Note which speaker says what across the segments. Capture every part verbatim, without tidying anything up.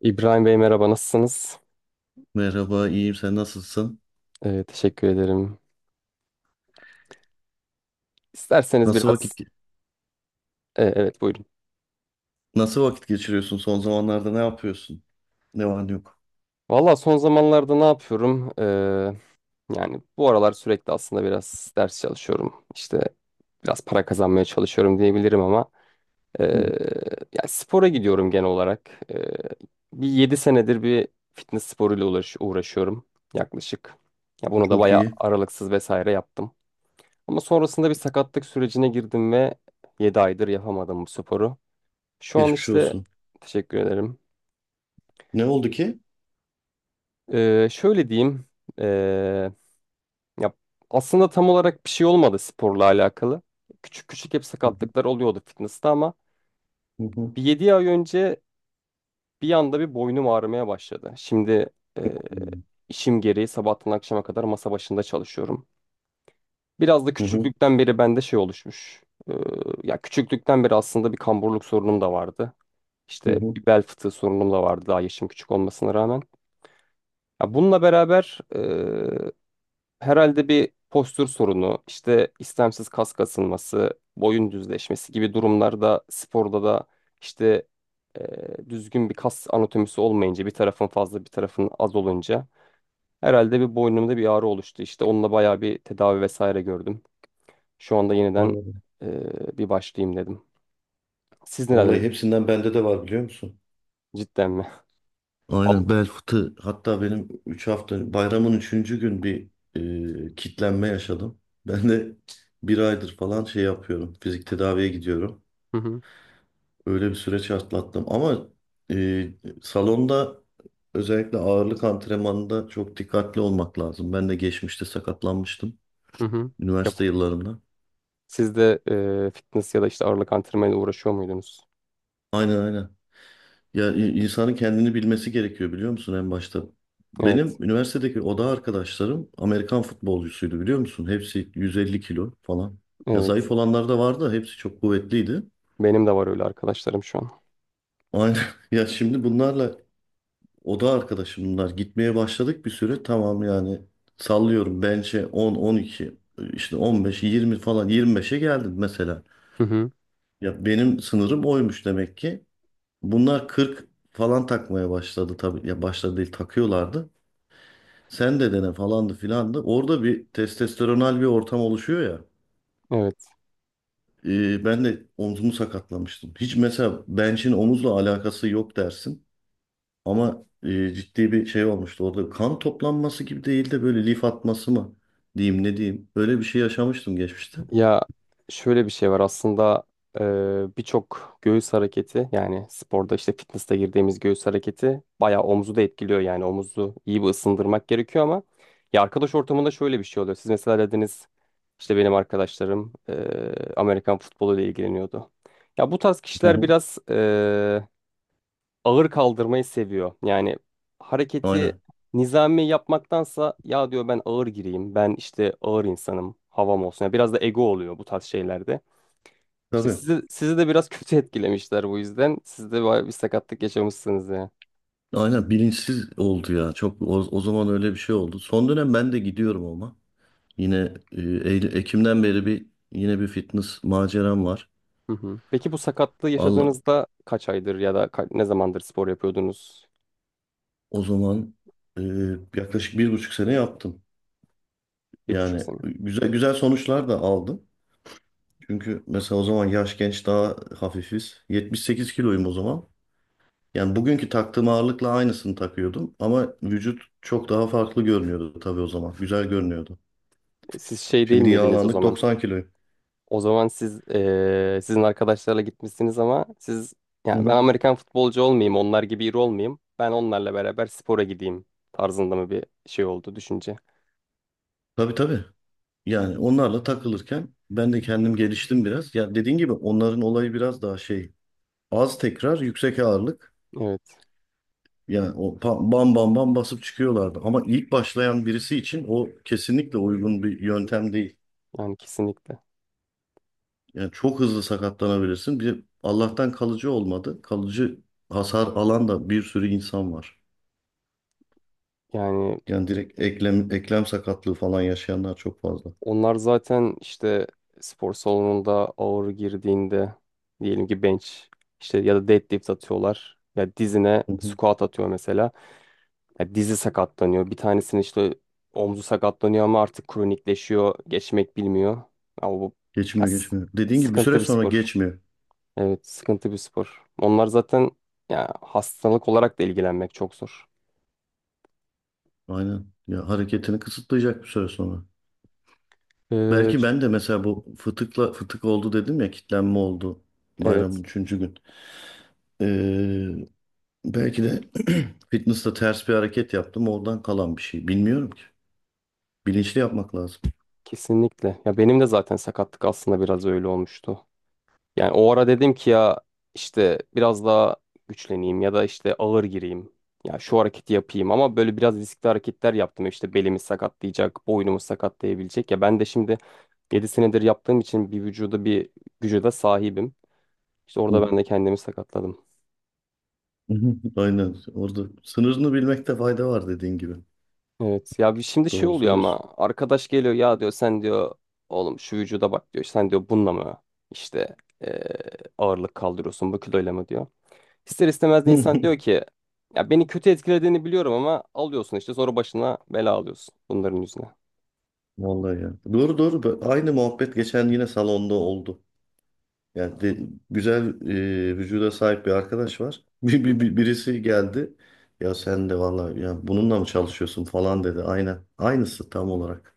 Speaker 1: İbrahim Bey merhaba, nasılsınız?
Speaker 2: Merhaba, iyiyim. Sen nasılsın?
Speaker 1: Ee, teşekkür ederim. İsterseniz
Speaker 2: Nasıl
Speaker 1: biraz...
Speaker 2: vakit
Speaker 1: Ee, evet, buyurun.
Speaker 2: Nasıl vakit geçiriyorsun son zamanlarda? Ne yapıyorsun? Ne var ne yok?
Speaker 1: Valla, son zamanlarda ne yapıyorum? Ee, yani bu aralar sürekli aslında biraz ders çalışıyorum. İşte biraz para kazanmaya çalışıyorum diyebilirim ama ee,
Speaker 2: Hı hı.
Speaker 1: yani spora gidiyorum genel olarak. Ee, bir yedi senedir bir fitness sporuyla uğraş uğraşıyorum yaklaşık. Ya bunu da
Speaker 2: Çok
Speaker 1: bayağı
Speaker 2: iyi.
Speaker 1: aralıksız vesaire yaptım. Ama sonrasında bir sakatlık sürecine girdim ve yedi aydır yapamadım bu sporu. Şu an
Speaker 2: Geçmiş
Speaker 1: işte
Speaker 2: olsun.
Speaker 1: teşekkür ederim.
Speaker 2: Ne oldu ki?
Speaker 1: Ee, şöyle diyeyim. ee, Ya aslında tam olarak bir şey olmadı sporla alakalı. Küçük küçük hep
Speaker 2: Hı hı.
Speaker 1: sakatlıklar oluyordu fitness'ta ama
Speaker 2: Hı hı.
Speaker 1: bir yedi ay önce bir anda bir boynum ağrımaya başladı. Şimdi ee, işim gereği sabahtan akşama kadar masa başında çalışıyorum. Biraz da
Speaker 2: Hı hı.
Speaker 1: küçüklükten beri bende şey oluşmuş. Ee, Ya küçüklükten beri aslında bir kamburluk sorunum da vardı.
Speaker 2: Hı
Speaker 1: İşte
Speaker 2: hı.
Speaker 1: bir bel fıtığı sorunum da vardı daha yaşım küçük olmasına rağmen. Ya bununla beraber e, herhalde bir postür sorunu, işte istemsiz kas kasılması, boyun düzleşmesi gibi durumlarda sporda da işte e, düzgün bir kas anatomisi olmayınca bir tarafın fazla bir tarafın az olunca herhalde bir boynumda bir ağrı oluştu. İşte onunla bayağı bir tedavi vesaire gördüm. Şu anda yeniden
Speaker 2: Anladım.
Speaker 1: e, bir başlayayım dedim. Siz
Speaker 2: Vallahi
Speaker 1: neler?
Speaker 2: hepsinden bende de var, biliyor musun?
Speaker 1: Cidden mi? Al.
Speaker 2: Aynen, bel fıtığı. Hatta benim üç hafta, bayramın üçüncü gün bir e, kitlenme yaşadım. Ben de bir aydır falan şey yapıyorum. Fizik tedaviye gidiyorum.
Speaker 1: Hı hı,
Speaker 2: Öyle bir süreç atlattım ama e, salonda özellikle ağırlık antrenmanında çok dikkatli olmak lazım. Ben de geçmişte sakatlanmıştım
Speaker 1: hı hı. Yap.
Speaker 2: üniversite yıllarımda.
Speaker 1: Siz de e, fitness ya da işte ağırlık antrenmanıyla uğraşıyor muydunuz?
Speaker 2: Aynen aynen. Ya i- insanın kendini bilmesi gerekiyor, biliyor musun, en başta? Benim
Speaker 1: Evet.
Speaker 2: üniversitedeki oda arkadaşlarım Amerikan futbolcusuydu, biliyor musun? Hepsi yüz elli kilo falan. Ya zayıf
Speaker 1: Evet.
Speaker 2: olanlar da vardı, hepsi çok kuvvetliydi.
Speaker 1: Benim de var öyle arkadaşlarım şu an.
Speaker 2: Aynen. Ya şimdi bunlarla, oda arkadaşım bunlar. Gitmeye başladık bir süre. Tamam, yani sallıyorum. Bench'e on, on iki, işte on beş, yirmi falan, yirmi beşe geldim mesela.
Speaker 1: Hı hı.
Speaker 2: Ya benim sınırım oymuş demek ki. Bunlar kırk falan takmaya başladı tabii. Ya başladı değil, takıyorlardı. Sen de dene falandı filandı. Orada bir testosteronal bir ortam oluşuyor ya.
Speaker 1: Evet.
Speaker 2: Ee, ben de omzumu sakatlamıştım. Hiç mesela bench'in omuzla alakası yok dersin. Ama e, ciddi bir şey olmuştu. Orada kan toplanması gibi değil de böyle lif atması mı diyeyim, ne diyeyim. Böyle bir şey yaşamıştım geçmişte.
Speaker 1: Ya şöyle bir şey var aslında. E, birçok göğüs hareketi, yani sporda işte fitness'te girdiğimiz göğüs hareketi bayağı omuzu da etkiliyor, yani omuzu iyi bir ısındırmak gerekiyor ama ya arkadaş ortamında şöyle bir şey oluyor. Siz mesela dediniz işte benim arkadaşlarım e, Amerikan futbolu ile ilgileniyordu. Ya bu tarz
Speaker 2: Hı
Speaker 1: kişiler
Speaker 2: hı.
Speaker 1: biraz ağır kaldırmayı seviyor. Yani hareketi
Speaker 2: Aynen.
Speaker 1: nizami yapmaktansa ya diyor ben ağır gireyim. Ben işte ağır insanım. Havam olsun. Yani biraz da ego oluyor bu tarz şeylerde. İşte
Speaker 2: Tabii.
Speaker 1: sizi, sizi de biraz kötü etkilemişler bu yüzden. Siz de bayağı bir sakatlık yaşamışsınız ya.
Speaker 2: Aynen, bilinçsiz oldu ya. Çok o, o zaman öyle bir şey oldu. Son dönem ben de gidiyorum ama. Yine e, Eylül- Ekim'den beri bir, yine bir fitness maceram var.
Speaker 1: Hı hı. Peki bu sakatlığı
Speaker 2: Allah,
Speaker 1: yaşadığınızda kaç aydır ya da ka- ne zamandır spor yapıyordunuz?
Speaker 2: o zaman e, yaklaşık bir buçuk sene yaptım.
Speaker 1: Bir buçuk
Speaker 2: Yani
Speaker 1: sene.
Speaker 2: güzel güzel sonuçlar da aldım. Çünkü mesela o zaman yaş genç, daha hafifiz. yetmiş sekiz kiloyum o zaman. Yani bugünkü taktığım ağırlıkla aynısını takıyordum ama vücut çok daha farklı görünüyordu tabii o zaman. Güzel görünüyordu.
Speaker 1: Siz şey değil
Speaker 2: Şimdi
Speaker 1: miydiniz o
Speaker 2: yağlandık,
Speaker 1: zaman?
Speaker 2: doksan kiloyum.
Speaker 1: O zaman siz eee, sizin arkadaşlarla gitmişsiniz ama siz,
Speaker 2: Hı
Speaker 1: yani ben
Speaker 2: hı.
Speaker 1: Amerikan futbolcu olmayayım, onlar gibi iri olmayayım. Ben onlarla beraber spora gideyim tarzında mı bir şey oldu düşünce?
Speaker 2: Tabii tabii. Yani onlarla takılırken ben de kendim geliştim biraz. Ya dediğin gibi onların olayı biraz daha şey, az tekrar yüksek ağırlık.
Speaker 1: Evet.
Speaker 2: Yani o pa- bam bam bam basıp çıkıyorlardı. Ama ilk başlayan birisi için o kesinlikle uygun bir yöntem değil.
Speaker 1: Yani kesinlikle.
Speaker 2: Yani çok hızlı sakatlanabilirsin. Bir de Allah'tan kalıcı olmadı. Kalıcı hasar alan da bir sürü insan var.
Speaker 1: Yani
Speaker 2: Yani direkt eklem eklem sakatlığı falan yaşayanlar çok fazla.
Speaker 1: onlar zaten işte spor salonunda ağır girdiğinde, diyelim ki bench, işte, ya da deadlift atıyorlar. Ya dizine
Speaker 2: Hı hı.
Speaker 1: squat atıyor mesela. Ya dizi sakatlanıyor. Bir tanesinin işte omzu sakatlanıyor ama artık kronikleşiyor. Geçmek bilmiyor. Ama bu ya
Speaker 2: Geçmiyor,
Speaker 1: s-
Speaker 2: geçmiyor. Dediğin gibi bir süre
Speaker 1: sıkıntı bir
Speaker 2: sonra
Speaker 1: spor.
Speaker 2: geçmiyor.
Speaker 1: Evet, sıkıntı bir spor. Onlar zaten ya hastalık olarak da ilgilenmek çok zor.
Speaker 2: Aynen. Ya hareketini kısıtlayacak bir süre sonra.
Speaker 1: Ee,
Speaker 2: Belki
Speaker 1: ş-
Speaker 2: ben de mesela bu fıtıkla, fıtık oldu dedim ya, kitlenme oldu
Speaker 1: evet,
Speaker 2: bayramın üçüncü gün. Ee, Belki de fitness'ta ters bir hareket yaptım, oradan kalan bir şey. Bilmiyorum ki. Bilinçli yapmak lazım.
Speaker 1: kesinlikle. Ya benim de zaten sakatlık aslında biraz öyle olmuştu. Yani o ara dedim ki ya işte biraz daha güçleneyim ya da işte ağır gireyim. Ya şu hareketi yapayım ama böyle biraz riskli hareketler yaptım. İşte belimi sakatlayacak, boynumu sakatlayabilecek. Ya ben de şimdi yedi senedir yaptığım için bir vücuda bir güce de sahibim. İşte orada ben de kendimi sakatladım.
Speaker 2: Hı hı, aynen. Orada sınırını bilmekte fayda var dediğin gibi.
Speaker 1: Evet, ya bir şimdi şey
Speaker 2: Doğru
Speaker 1: oluyor
Speaker 2: söylüyorsun.
Speaker 1: ama arkadaş geliyor, ya diyor sen diyor oğlum şu vücuda bak diyor sen diyor bununla mı işte eee, ağırlık kaldırıyorsun bu kiloyla mı diyor. İster istemez de insan diyor ki ya beni kötü etkilediğini biliyorum ama alıyorsun işte sonra başına bela alıyorsun bunların yüzüne.
Speaker 2: Vallahi ya. Doğru, doğru. Bö- Aynı muhabbet geçen yine salonda oldu. Yani de- Güzel e, vücuda sahip bir arkadaş var. Bir, bir, bir- birisi geldi. Ya sen de vallahi ya bununla mı çalışıyorsun falan dedi. Aynen. Aynısı tam olarak.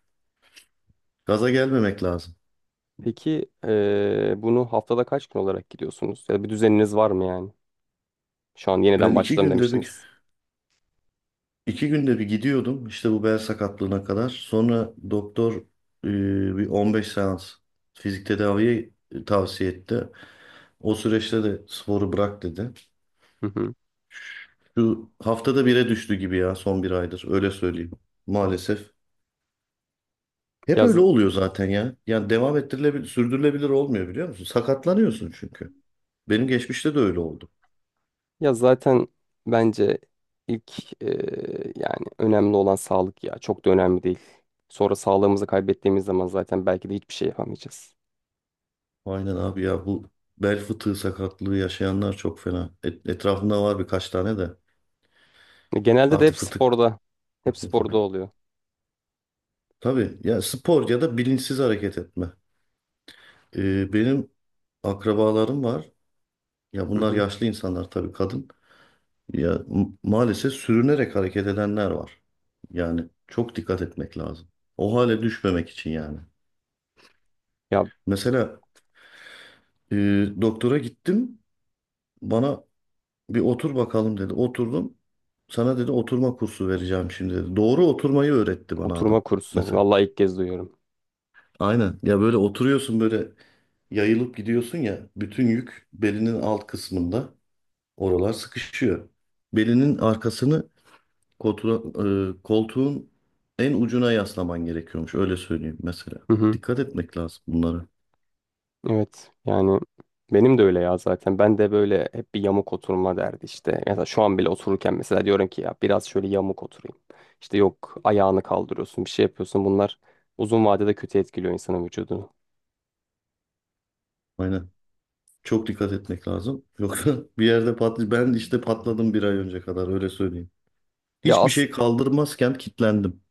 Speaker 2: Gaza gelmemek lazım.
Speaker 1: Peki eee, bunu haftada kaç gün olarak gidiyorsunuz? Ya bir düzeniniz var mı yani? Şu an yeniden
Speaker 2: Ben iki
Speaker 1: başladım
Speaker 2: günde bir
Speaker 1: demiştiniz.
Speaker 2: İki günde bir gidiyordum işte, bu bel sakatlığına kadar. Sonra doktor e, bir on beş seans fizik tedaviye e, tavsiye etti. O süreçte de sporu bırak dedi.
Speaker 1: Hı hı.
Speaker 2: Şu haftada bire düştü gibi ya, son bir aydır, öyle söyleyeyim maalesef. Hep
Speaker 1: Ya,
Speaker 2: öyle
Speaker 1: z-
Speaker 2: oluyor zaten ya. Yani devam ettirilebilir, sürdürülebilir olmuyor, biliyor musun? Sakatlanıyorsun çünkü. Benim geçmişte de öyle oldu.
Speaker 1: Ya zaten bence ilk eee, yani önemli olan sağlık, ya çok da önemli değil. Sonra sağlığımızı kaybettiğimiz zaman zaten belki de hiçbir şey yapamayacağız.
Speaker 2: Aynen abi ya, bu bel fıtığı sakatlığı yaşayanlar çok fena. Et- etrafımda var birkaç tane de.
Speaker 1: E, Genelde de hep
Speaker 2: Artık fıtık
Speaker 1: sporda, hep sporda
Speaker 2: okudum.
Speaker 1: oluyor.
Speaker 2: Tabii ya, spor ya da bilinçsiz hareket etme. Ee, benim akrabalarım var. Ya
Speaker 1: Hı
Speaker 2: bunlar
Speaker 1: hı.
Speaker 2: yaşlı insanlar tabii, kadın. Ya m- maalesef sürünerek hareket edenler var. Yani çok dikkat etmek lazım. O hale düşmemek için yani.
Speaker 1: Ya,
Speaker 2: Mesela e, doktora gittim. Bana bir otur bakalım dedi. Oturdum. Sana dedi, oturma kursu vereceğim şimdi dedi. Doğru oturmayı öğretti bana
Speaker 1: oturma
Speaker 2: adam.
Speaker 1: kursu.
Speaker 2: Mesela.
Speaker 1: Vallahi ilk kez duyuyorum.
Speaker 2: Aynen. Ya böyle oturuyorsun, böyle yayılıp gidiyorsun ya, bütün yük belinin alt kısmında, oralar sıkışıyor. Belinin arkasını koltuğa- e, koltuğun en ucuna yaslaman gerekiyormuş, öyle söyleyeyim mesela.
Speaker 1: Hı hı.
Speaker 2: Dikkat etmek lazım bunlara.
Speaker 1: Evet. Yani benim de öyle ya zaten. Ben de böyle hep bir yamuk oturma derdi işte. Mesela şu an bile otururken mesela diyorum ki ya biraz şöyle yamuk oturayım. İşte yok, ayağını kaldırıyorsun, bir şey yapıyorsun. Bunlar uzun vadede kötü etkiliyor insanın vücudunu.
Speaker 2: Aynen. Çok dikkat etmek lazım. Yoksa bir yerde patlı ben işte patladım bir ay önce kadar, öyle söyleyeyim.
Speaker 1: Ya
Speaker 2: Hiçbir şey kaldırmazken kilitlendim.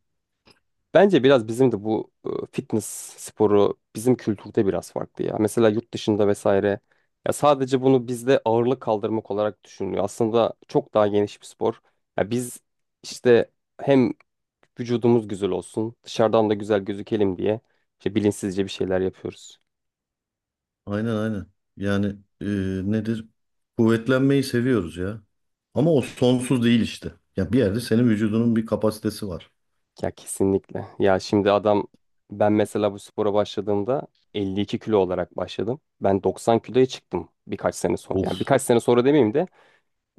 Speaker 1: bence biraz bizim de bu e, fitness sporu bizim kültürde biraz farklı ya. Mesela yurt dışında vesaire, ya sadece bunu bizde ağırlık kaldırmak olarak düşünülüyor. Aslında çok daha geniş bir spor. Ya biz işte hem vücudumuz güzel olsun, dışarıdan da güzel gözükelim diye işte bilinçsizce bir şeyler yapıyoruz.
Speaker 2: Aynen aynen. Yani e, nedir? Kuvvetlenmeyi seviyoruz ya. Ama o sonsuz değil işte. Ya bir yerde senin vücudunun bir kapasitesi var.
Speaker 1: Ya kesinlikle. Ya şimdi adam, ben mesela bu spora başladığımda elli iki kilo olarak başladım. Ben doksan kiloya çıktım birkaç sene sonra. Yani
Speaker 2: Of.
Speaker 1: birkaç sene sonra demeyeyim de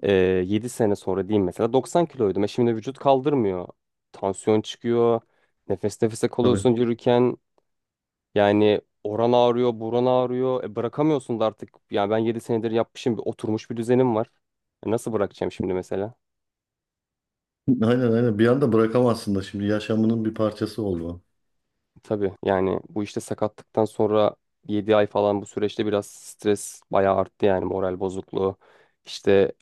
Speaker 1: e, yedi sene sonra diyeyim mesela, doksan kiloydum. E şimdi vücut kaldırmıyor. Tansiyon çıkıyor. Nefes nefese
Speaker 2: Tabii.
Speaker 1: kalıyorsun yürürken. Yani oran ağrıyor, buran ağrıyor. E bırakamıyorsun da artık. Yani ben yedi senedir yapmışım. Bir oturmuş bir düzenim var. E nasıl bırakacağım şimdi mesela?
Speaker 2: Aynen aynen. Bir anda bırakamazsın da, şimdi yaşamının bir parçası oldu o.
Speaker 1: Tabii, yani bu işte sakatlıktan sonra yedi ay falan bu süreçte biraz stres bayağı arttı, yani moral bozukluğu. İşte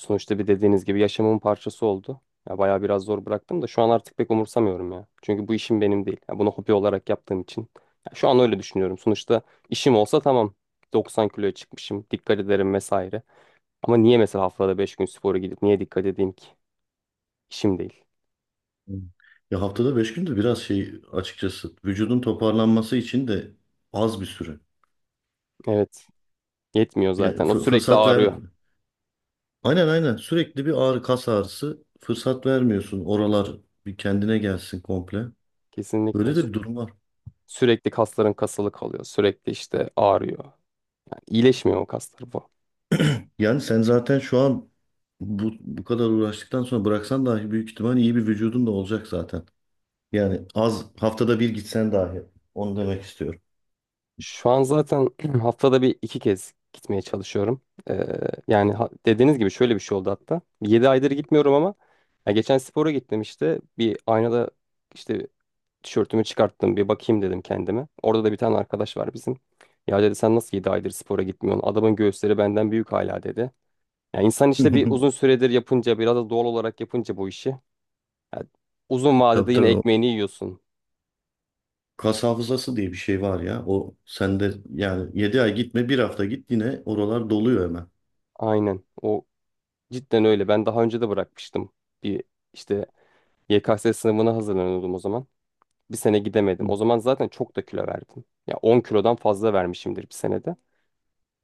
Speaker 1: sonuçta, bir dediğiniz gibi, yaşamımın parçası oldu. Ya bayağı biraz zor bıraktım da şu an artık pek umursamıyorum ya. Çünkü bu işim benim değil. Ya bunu hobi olarak yaptığım için. Ya şu an öyle düşünüyorum. Sonuçta işim olsa tamam. doksan kiloya çıkmışım. Dikkat ederim vesaire. Ama niye mesela haftada beş gün spora gidip niye dikkat edeyim ki? İşim değil.
Speaker 2: Hı. Ya haftada beş gün de biraz şey, açıkçası vücudun toparlanması için de az bir süre.
Speaker 1: Evet. Yetmiyor
Speaker 2: Ya
Speaker 1: zaten. O
Speaker 2: fı-
Speaker 1: sürekli
Speaker 2: fırsat ver.
Speaker 1: ağrıyor.
Speaker 2: Aynen aynen. Sürekli bir ağrı, kas ağrısı. Fırsat vermiyorsun. Oralar bir kendine gelsin komple.
Speaker 1: Kesinlikle.
Speaker 2: Böyle de bir durum var.
Speaker 1: Sürekli kasların kasılı kalıyor. Sürekli işte ağrıyor. Yani iyileşmiyor o kaslar.
Speaker 2: Yani sen zaten şu an bu, bu kadar uğraştıktan sonra bıraksan dahi büyük ihtimal iyi bir vücudun da olacak zaten. Yani az haftada bir gitsen dahi, onu demek istiyorum.
Speaker 1: Şu an zaten haftada bir iki kez gitmeye çalışıyorum. Ee, Yani ha- dediğiniz gibi şöyle bir şey oldu hatta. Yedi aydır gitmiyorum ama ya geçen spora gittim işte. Bir aynada işte tişörtümü çıkarttım, bir bakayım dedim kendime. Orada da bir tane arkadaş var bizim. Ya dedi, sen nasıl yedi aydır spora gitmiyorsun? Adamın göğüsleri benden büyük hala, dedi. Ya insan işte bir uzun süredir yapınca, biraz da doğal olarak yapınca bu işi, ya uzun vadede
Speaker 2: Tabii
Speaker 1: yine
Speaker 2: tabii, o
Speaker 1: ekmeğini yiyorsun.
Speaker 2: kas hafızası diye bir şey var ya. O sende, yani yedi ay gitme, bir hafta git, yine oralar doluyor hemen.
Speaker 1: Aynen. O cidden öyle. Ben daha önce de bırakmıştım. Bir işte Y K S sınavına hazırlanıyordum o zaman. Bir sene gidemedim.
Speaker 2: Hı.
Speaker 1: O zaman zaten çok da kilo verdim. Ya on kilodan fazla vermişimdir bir senede.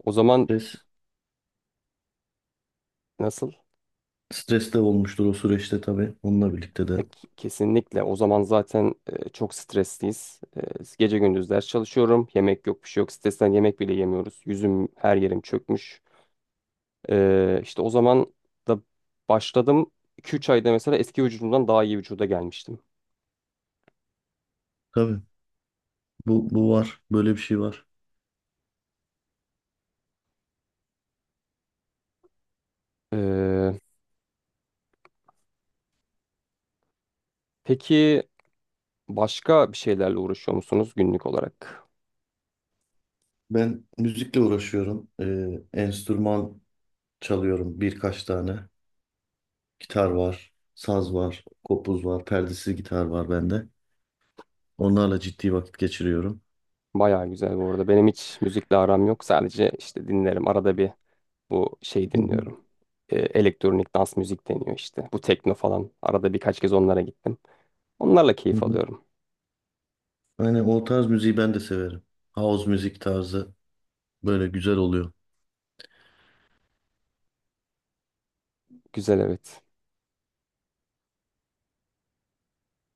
Speaker 1: O zaman
Speaker 2: Stres,
Speaker 1: nasıl?
Speaker 2: Stres de olmuştur o süreçte tabii, onunla birlikte
Speaker 1: E,
Speaker 2: de.
Speaker 1: k- kesinlikle. O zaman zaten e, çok stresliyiz. E, gece gündüz ders çalışıyorum. Yemek yok, bir şey yok. Stresten yemek bile yemiyoruz. Yüzüm, her yerim çökmüş. Ee, işte o zaman da başladım. iki ila üç ayda mesela eski vücudumdan daha iyi vücuda gelmiştim.
Speaker 2: Tabii bu, bu var, böyle bir şey var.
Speaker 1: Ee, peki başka bir şeylerle uğraşıyor musunuz günlük olarak?
Speaker 2: Ben müzikle uğraşıyorum. Ee, enstrüman çalıyorum birkaç tane. Gitar var, saz var, kopuz var, perdesiz gitar var bende. Onlarla ciddi vakit geçiriyorum.
Speaker 1: Baya güzel bu arada. Benim hiç müzikle aram yok. Sadece işte dinlerim. Arada bir bu şey
Speaker 2: Hı hı,
Speaker 1: dinliyorum. Ee, elektronik dans müzik deniyor işte. Bu tekno falan. Arada birkaç kez onlara gittim. Onlarla
Speaker 2: hı
Speaker 1: keyif
Speaker 2: hı.
Speaker 1: alıyorum.
Speaker 2: Aynen, o tarz müziği ben de severim. House müzik tarzı böyle güzel oluyor.
Speaker 1: Güzel, evet.